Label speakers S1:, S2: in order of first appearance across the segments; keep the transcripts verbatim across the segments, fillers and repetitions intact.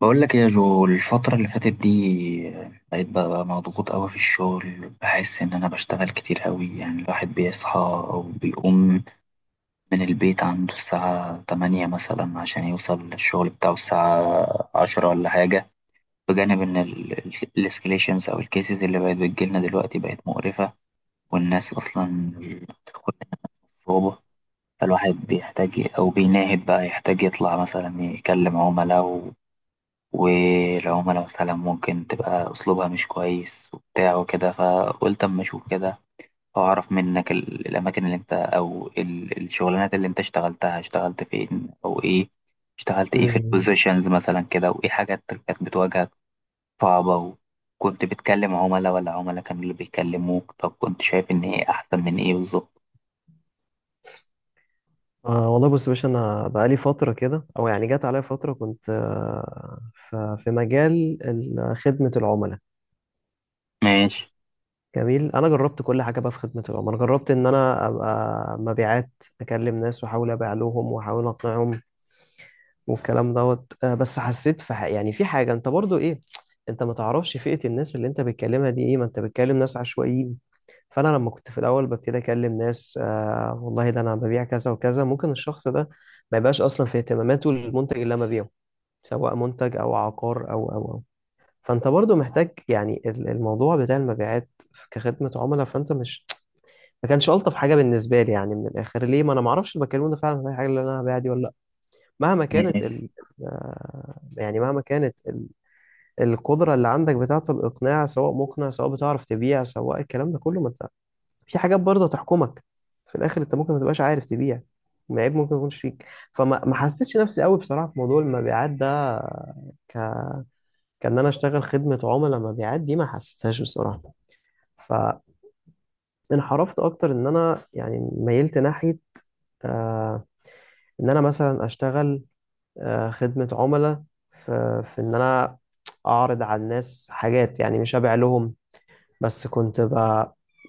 S1: بقول لك إيه يا جو؟ الفترة اللي فاتت دي بقيت بقى مضغوط قوي في الشغل، بحس إن أنا بشتغل كتير قوي. يعني الواحد بيصحى أو بيقوم من البيت عنده الساعة تمانية مثلا عشان يوصل للشغل بتاعه الساعة عشرة ولا حاجة، بجانب إن الاسكليشنز أو الكيسز اللي بقت بتجيلنا دلوقتي بقت مقرفة، والناس أصلا بتدخل الصعوبة. فالواحد بيحتاج أو بيناهد بقى يحتاج يطلع مثلا يكلم عملاء، والعملاء مثلا ممكن تبقى أسلوبها مش كويس وبتاع وكده. فقلت أما أشوف كده، وأعرف منك ال- الأماكن اللي أنت، أو ال- الشغلانات اللي أنت اشتغلتها، اشتغلت فين أو إيه، اشتغلت إيه في
S2: مم.
S1: البوزيشنز مثلا كده، وإيه حاجات كانت بتواجهك صعبة؟ وكنت بتكلم عملاء ولا عملاء كانوا اللي بيكلموك؟ طب كنت شايف إن إيه أحسن من إيه بالظبط؟
S2: آه والله بص يا باشا، انا بقالي فتره كده، او يعني جت عليا فتره كنت آه ف- في مجال ال- خدمه العملاء.
S1: ماشي.
S2: جميل، انا جربت كل حاجه بقى في خدمه العملاء. جربت ان انا ابقى مبيعات، اكلم ناس واحاول ابيع لهم واحاول اقنعهم والكلام دوت. آه بس حسيت في ح- يعني في حاجه، انت برضو ايه، انت ما تعرفش فئه الناس اللي انت بتكلمها دي ايه، ما انت بتكلم ناس عشوائيين. فانا لما كنت في الاول ببتدي اكلم ناس، آه والله ده انا ببيع كذا وكذا، ممكن الشخص ده ما يبقاش اصلا في اهتماماته المنتج اللي انا ببيعه، سواء منتج او عقار او او او. فانت برضو محتاج يعني ال- الموضوع بتاع المبيعات كخدمة عملاء، فانت مش ما كانش الطف حاجة بالنسبة لي. يعني من الاخر، ليه؟ ما انا ما اعرفش البكالوريوس ده فعلا هي حاجة اللي انا هبيعها دي ولا لا. مهما كانت ال... آه، يعني مهما كانت ال... القدرة اللي عندك بتاعة الاقناع، سواء مقنع، سواء بتعرف تبيع، سواء الكلام ده كله، ما انت في حاجات برضه هتحكمك في الاخر. انت ممكن ما تبقاش عارف تبيع، معيب ممكن ما يكونش فيك. فما ما حسيتش نفسي قوي بصراحه في موضوع المبيعات ده. ك... كان انا اشتغل خدمه عملاء، مبيعات دي ما حسيتهاش بصراحه. فانحرفت اكتر ان انا يعني ميلت ناحيه، آه ان انا مثلا اشتغل آه خدمه عملاء، في في ان انا اعرض على الناس حاجات، يعني مش ابيع لهم. بس كنت ب...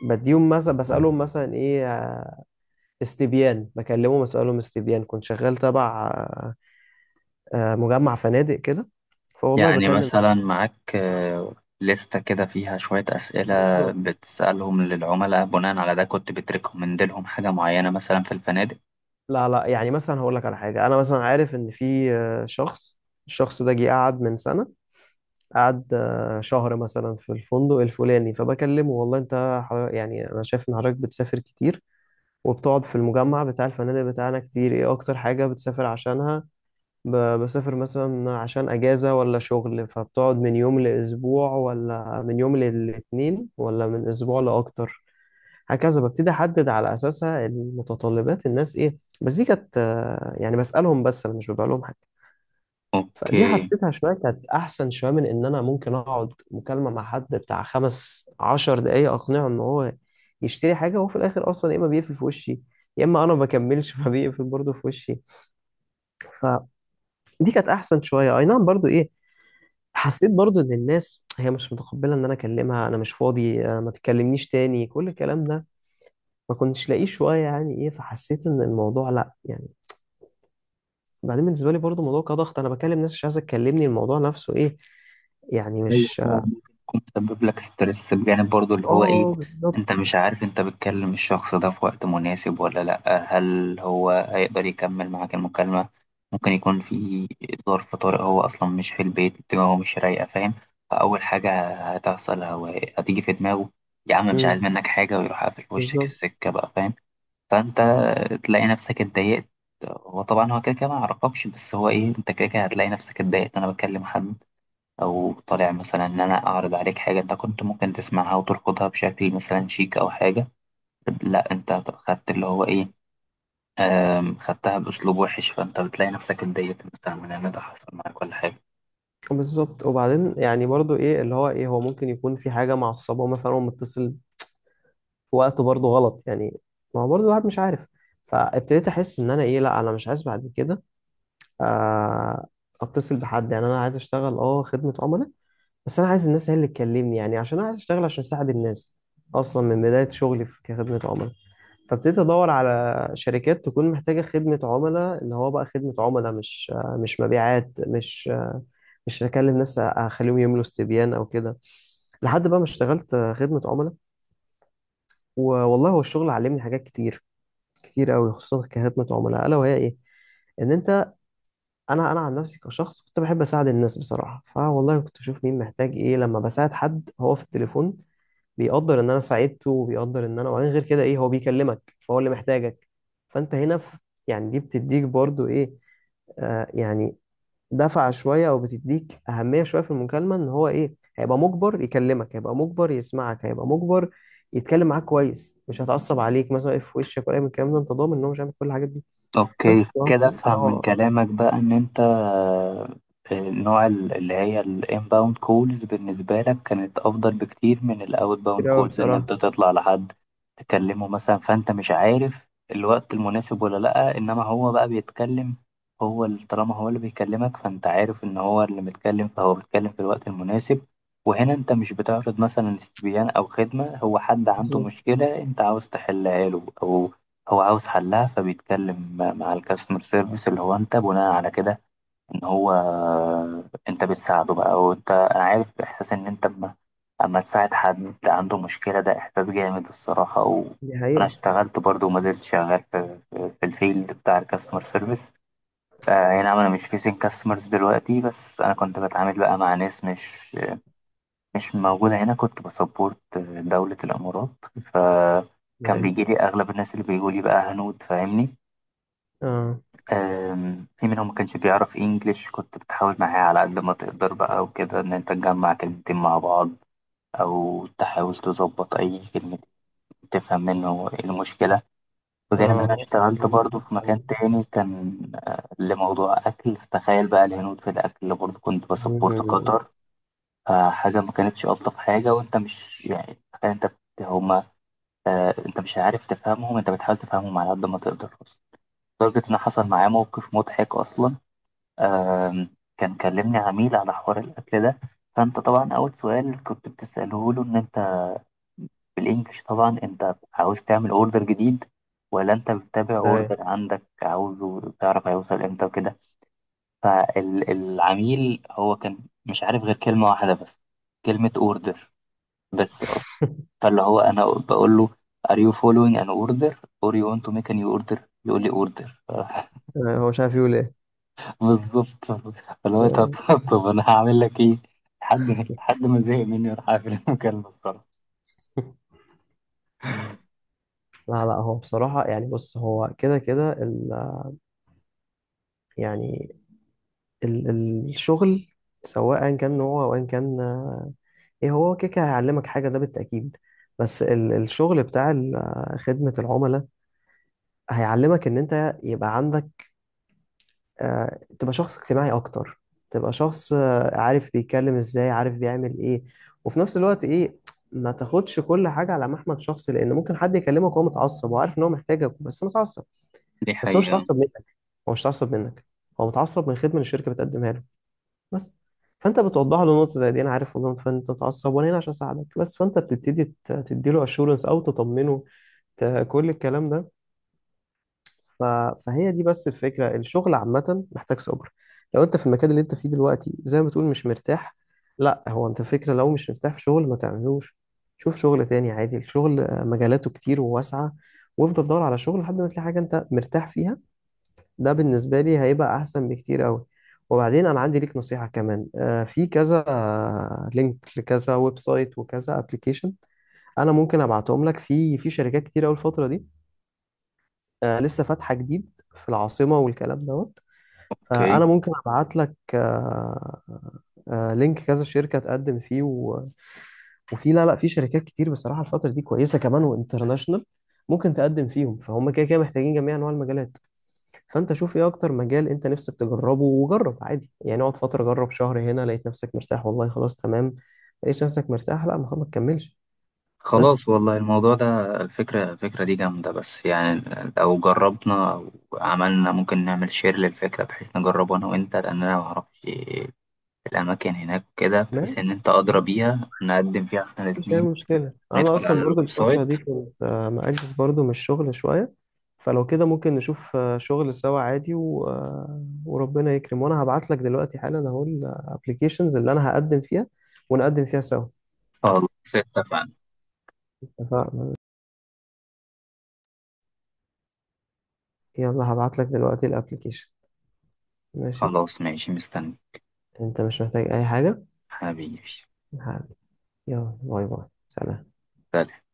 S2: بديهم مثلا، بسالهم مثلا ايه، استبيان. بكلمه بسألهم استبيان. كنت شغال تبع آه، آه، مجمع فنادق كده. فوالله
S1: يعني
S2: بكلم.
S1: مثلا معاك آه، لستة كده فيها شوية أسئلة
S2: بالظبط.
S1: بتسألهم للعملاء، بناء على ده كنت بتريكومند لهم حاجة معينة مثلا في الفنادق؟
S2: لا لا، يعني مثلا هقول لك على حاجة، أنا مثلا عارف إن في آه، شخص، الشخص ده جه قعد من سنة، قعد آه، شهر مثلا في الفندق الفلاني. فبكلمه والله أنت حضر- يعني أنا شايف إن حضرتك بتسافر كتير وبتقعد في المجمع بتاع الفنادق بتاعنا كتير. إيه أكتر حاجة بتسافر عشانها؟ ب- بسافر مثلا عشان اجازة ولا شغل؟ فبتقعد من يوم لاسبوع، ولا من يوم للاتنين، ولا من اسبوع لاكتر؟ هكذا ببتدي احدد على اساسها المتطلبات الناس ايه. بس دي كانت آه، يعني بسألهم بس، انا مش ببقى لهم حاجة. فدي
S1: أوكي.
S2: حسيتها شوية، كانت احسن شوية من ان انا ممكن اقعد مكالمة مع حد بتاع خمس عشر دقايق اقنعه ان هو يشتري حاجة، وهو في الاخر اصلا يا اما بيقفل في وشي، يا اما انا ما بكملش فبيقفل برضه في وشي. فدي كانت احسن شويه. اي نعم، برضو ايه، حسيت برضو ان الناس هي مش متقبله ان انا اكلمها. انا مش فاضي، آه، ما تكلمنيش تاني، كل الكلام ده ما كنتش لاقيه شويه، يعني ايه. فحسيت ان الموضوع لا، يعني بعدين بالنسبه لي برضو الموضوع كضغط، انا بكلم ناس مش عايزه تكلمني، الموضوع نفسه ايه، يعني
S1: ايوه،
S2: مش.
S1: هو ممكن يكون مسبب لك ستريس، بجانب برضو اللي هو ايه،
S2: اه،
S1: انت
S2: بالظبط.
S1: مش عارف انت بتكلم الشخص ده في وقت مناسب ولا لا، هل هو هيقدر يكمل معاك المكالمة؟ ممكن يكون في ظرف طارئ، هو اصلا مش في البيت، دماغه مش رايقة، فاهم؟ فاول حاجة هتحصل، هو هتيجي في دماغه يا عم مش عايز
S2: امم،
S1: منك حاجة، ويروح قافل في وشك
S2: بالظبط.
S1: السكة بقى، فاهم؟ فانت تلاقي نفسك اتضايقت. هو طبعا هو كده كده ما يعرفكش، بس هو ايه، انت كده كده هتلاقي نفسك اتضايقت. انا بكلم حد او طالع مثلا ان انا اعرض عليك حاجه، انت كنت ممكن تسمعها وترفضها بشكل مثلا شيك او حاجه، لا انت خدت اللي هو ايه، آم، خدتها باسلوب وحش، فانت بتلاقي نفسك اتضايقت مثلا من ان ده حصل معاك ولا حاجه.
S2: بالظبط، وبعدين يعني برضو ايه اللي هو ايه، هو ممكن يكون في حاجه معصبه، مثلا هو متصل في وقت برضو غلط يعني. ما هو برضو الواحد مش عارف. فابتديت احس ان انا ايه، لا انا مش عايز بعد كده آه، اتصل بحد. يعني انا عايز اشتغل اه خدمة عملاء، بس انا عايز الناس هي اللي تكلمني، يعني عشان انا عايز اشتغل عشان اساعد الناس اصلا من بداية شغلي في كخدمة عملاء. فابتديت ادور على شركات تكون محتاجة خدمة عملاء، اللي هو بقى خدمة عملاء مش آه، مش مبيعات، مش آه، مش هكلم ناس اخليهم يملوا استبيان او كده، لحد بقى ما اشتغلت آه، خدمة عملاء. والله هو الشغل علمني حاجات كتير كتير قوي، خصوصا كخدمة عملاء، الا وهي ايه، ان انت، انا انا عن نفسي كشخص كنت بحب اساعد الناس بصراحه. فوالله كنت اشوف مين محتاج ايه، لما بساعد حد هو في التليفون بيقدر ان انا ساعدته، وبيقدر ان انا، وبعدين غير كده ايه، هو بيكلمك فهو اللي محتاجك. فانت هنا في، يعني دي بتديك برضو ايه، آه يعني دفعه شويه، او بتديك اهميه شويه في المكالمه ان هو ايه. هيبقى مجبر يكلمك، هيبقى مجبر يسمعك، هيبقى مجبر يتكلم معاك كويس، مش هتعصب عليك مثلا يقف في وشك ولا أي من الكلام ده. انت ضامن ان هو مش هيعمل كل الحاجات دي، فانت
S1: اوكي،
S2: تبقى
S1: كده افهم من
S2: اه.
S1: كلامك بقى ان انت، آه، النوع ال- اللي هي الانباوند كولز بالنسبة لك كانت افضل بكتير من الاوت باوند
S2: كتير قوي
S1: كولز ان انت
S2: بصراحه.
S1: تطلع لحد تكلمه مثلا، فانت مش عارف الوقت المناسب ولا لا. انما هو بقى بيتكلم، هو ال- طالما هو اللي بيكلمك فانت عارف ان هو اللي متكلم، فهو بيتكلم في الوقت المناسب. وهنا انت مش بتعرض مثلا استبيان او خدمة، هو حد عنده مشكلة انت عاوز تحلها له، او هو عاوز حلها فبيتكلم مع الكاستمر سيرفيس اللي هو انت، بناء على كده ان هو، انت بتساعده بقى. او انت، انا عارف احساس ان انت اما، اما تساعد حد عنده مشكلة، ده احساس جامد الصراحة.
S2: دي
S1: وانا
S2: حقيقة.
S1: اشتغلت برضو وما زلت شغال في, في في الفيلد بتاع الكاستمر سيرفيس. آه نعم، انا مش فيسين كاستمرز دلوقتي، بس انا كنت بتعامل بقى مع ناس مش مش موجودة هنا، كنت بسبورت دولة الامارات. ف كان
S2: معايا.
S1: بيجي لي اغلب الناس اللي بيقولي بقى هنود، فاهمني؟
S2: اه
S1: آم، في منهم ما كانش بيعرف انجليش، كنت بتحاول معاه على قد ما تقدر بقى وكده، ان انت تجمع كلمتين مع بعض او تحاول تظبط اي كلمة تفهم منه إيه المشكلة. وغير ان
S2: اه
S1: انا
S2: هو
S1: اشتغلت برضه في مكان تاني كان آه، لموضوع اكل. تخيل بقى الهنود في الاكل! برضه كنت بسبورت
S2: مم.
S1: قطر، فحاجة ما كانتش الطف حاجة. وانت مش يعني، تخيل انت بت- هما، آه، انت مش عارف تفهمهم، انت بتحاول تفهمهم على قد ما تقدر اصلا. لدرجة ان حصل معايا موقف مضحك اصلا. آم، كان كلمني عميل على حوار الأكل ده، فأنت طبعا أول سؤال كنت بتسأله له، إن أنت بالإنجلش طبعا، أنت عاوز تعمل أوردر جديد ولا أنت بتتابع
S2: أيوة.
S1: أوردر عندك عاوزه تعرف هيوصل إمتى وكده. فالعميل هو كان مش عارف غير كلمة واحدة بس، كلمة أوردر بس أصلا. فاللي هو أنا بقول له Are you following an order or you want to make a new order؟ يقول لي order.
S2: آه، هو مش عارف يقول ايه.
S1: بالظبط. فاللي هو طب
S2: أيوة.
S1: طب انا هعمل لك ايه؟ لحد لحد ما زهق مني وراح قافل المكالمه الصراحه.
S2: لا لا، هو بصراحة يعني، بص، هو كده كده ال- يعني ال ال- الشغل سواء كان نوعه أو أيا كان، آه، ايه هو كده كده هيعلمك حاجة، ده بالتأكيد. بس ال الشغل بتاع ال- آه، خدمة العملاء، هيعلمك ان انت يبقى عندك آه، تبقى شخص اجتماعي اكتر، تبقى شخص آه، عارف بيتكلم ازاي عارف بيعمل ايه. وفي نفس الوقت ايه، ما تاخدش كل حاجه على محمل شخصي، لان ممكن حد يكلمك وهو متعصب، وعارف ان هو محتاجك بس متعصب.
S1: دي
S2: بس هو مش
S1: حقيقة.
S2: متعصب منك، هو مش متعصب منك، هو متعصب من الخدمه اللي الشركه بتقدمها له بس. فانت بتوضح له نقطه زي دي: انا عارف والله إن انت متعصب، وانا هنا عشان اساعدك بس. فانت بتبتدي تدي له اشورنس او تطمنه، ت- كل الكلام ده. ف... فهي دي بس الفكرة، الشغل عامة محتاج صبر. لو انت في المكان اللي انت فيه دلوقتي زي ما بتقول مش مرتاح، لا، هو انت فكرة لو مش مرتاح في شغل ما تعملوش. شوف شغل تاني عادي، الشغل آه، مجالاته كتير وواسعة، وافضل دور على شغل لحد ما تلاقي حاجة انت مرتاح فيها. ده بالنسبة لي هيبقى احسن بكتير قوي. وبعدين انا عندي ليك نصيحة كمان، آه، في كذا آه، لينك لكذا ويب سايت وكذا ابلكيشن، انا ممكن ابعتهم لك. في في شركات كتير قوي الفترة دي آه، لسه فاتحة جديد في العاصمة والكلام دوت.
S1: اوكي،
S2: فأنا ممكن أبعت لك آه، آه، لينك كذا شركة تقدم فيه و... وفي، لا لا، في شركات كتير بصراحة الفترة دي كويسة كمان وانترناشونال، ممكن تقدم فيهم، فهم كده كده محتاجين جميع أنواع المجالات. فأنت شوف إيه أكتر مجال أنت نفسك تجربه وجرب عادي، يعني اقعد فترة، جرب شهر هنا، لقيت نفسك مرتاح والله خلاص تمام، لقيت نفسك مرتاح لا، ما خلاص ما تكملش.
S1: خلاص
S2: بس.
S1: والله الموضوع ده، الفكرة الفكرة دي جامدة، بس يعني لو جربنا او عملنا، ممكن نعمل شير للفكرة بحيث نجربه انا وانت، لان انا معرفش الاماكن هناك كده، بحيث ان
S2: ماشي،
S1: انت ادرى بيها نقدم فيها احنا
S2: مش أي
S1: الاتنين.
S2: مشكلة، أنا
S1: ندخل
S2: أصلا
S1: على الويب
S2: برضو الفترة
S1: سايت.
S2: دي كنت آه، مأجز برضو من الشغل شوية. فلو كده ممكن نشوف آه، شغل سوا عادي، و... آه، وربنا يكرم. وأنا هبعت لك دلوقتي حالا أهو الأبليكيشنز اللي أنا هقدم فيها، ونقدم فيها سوا.
S1: خلاص، اتفقنا.
S2: اتفقنا. يلا هبعت لك دلوقتي الأبليكيشن. ماشي.
S1: خلاص ماشي، مستني
S2: أنت مش محتاج أي حاجة؟
S1: حبيبي.
S2: ه- يلا، باي باي، سلام.
S1: سلام.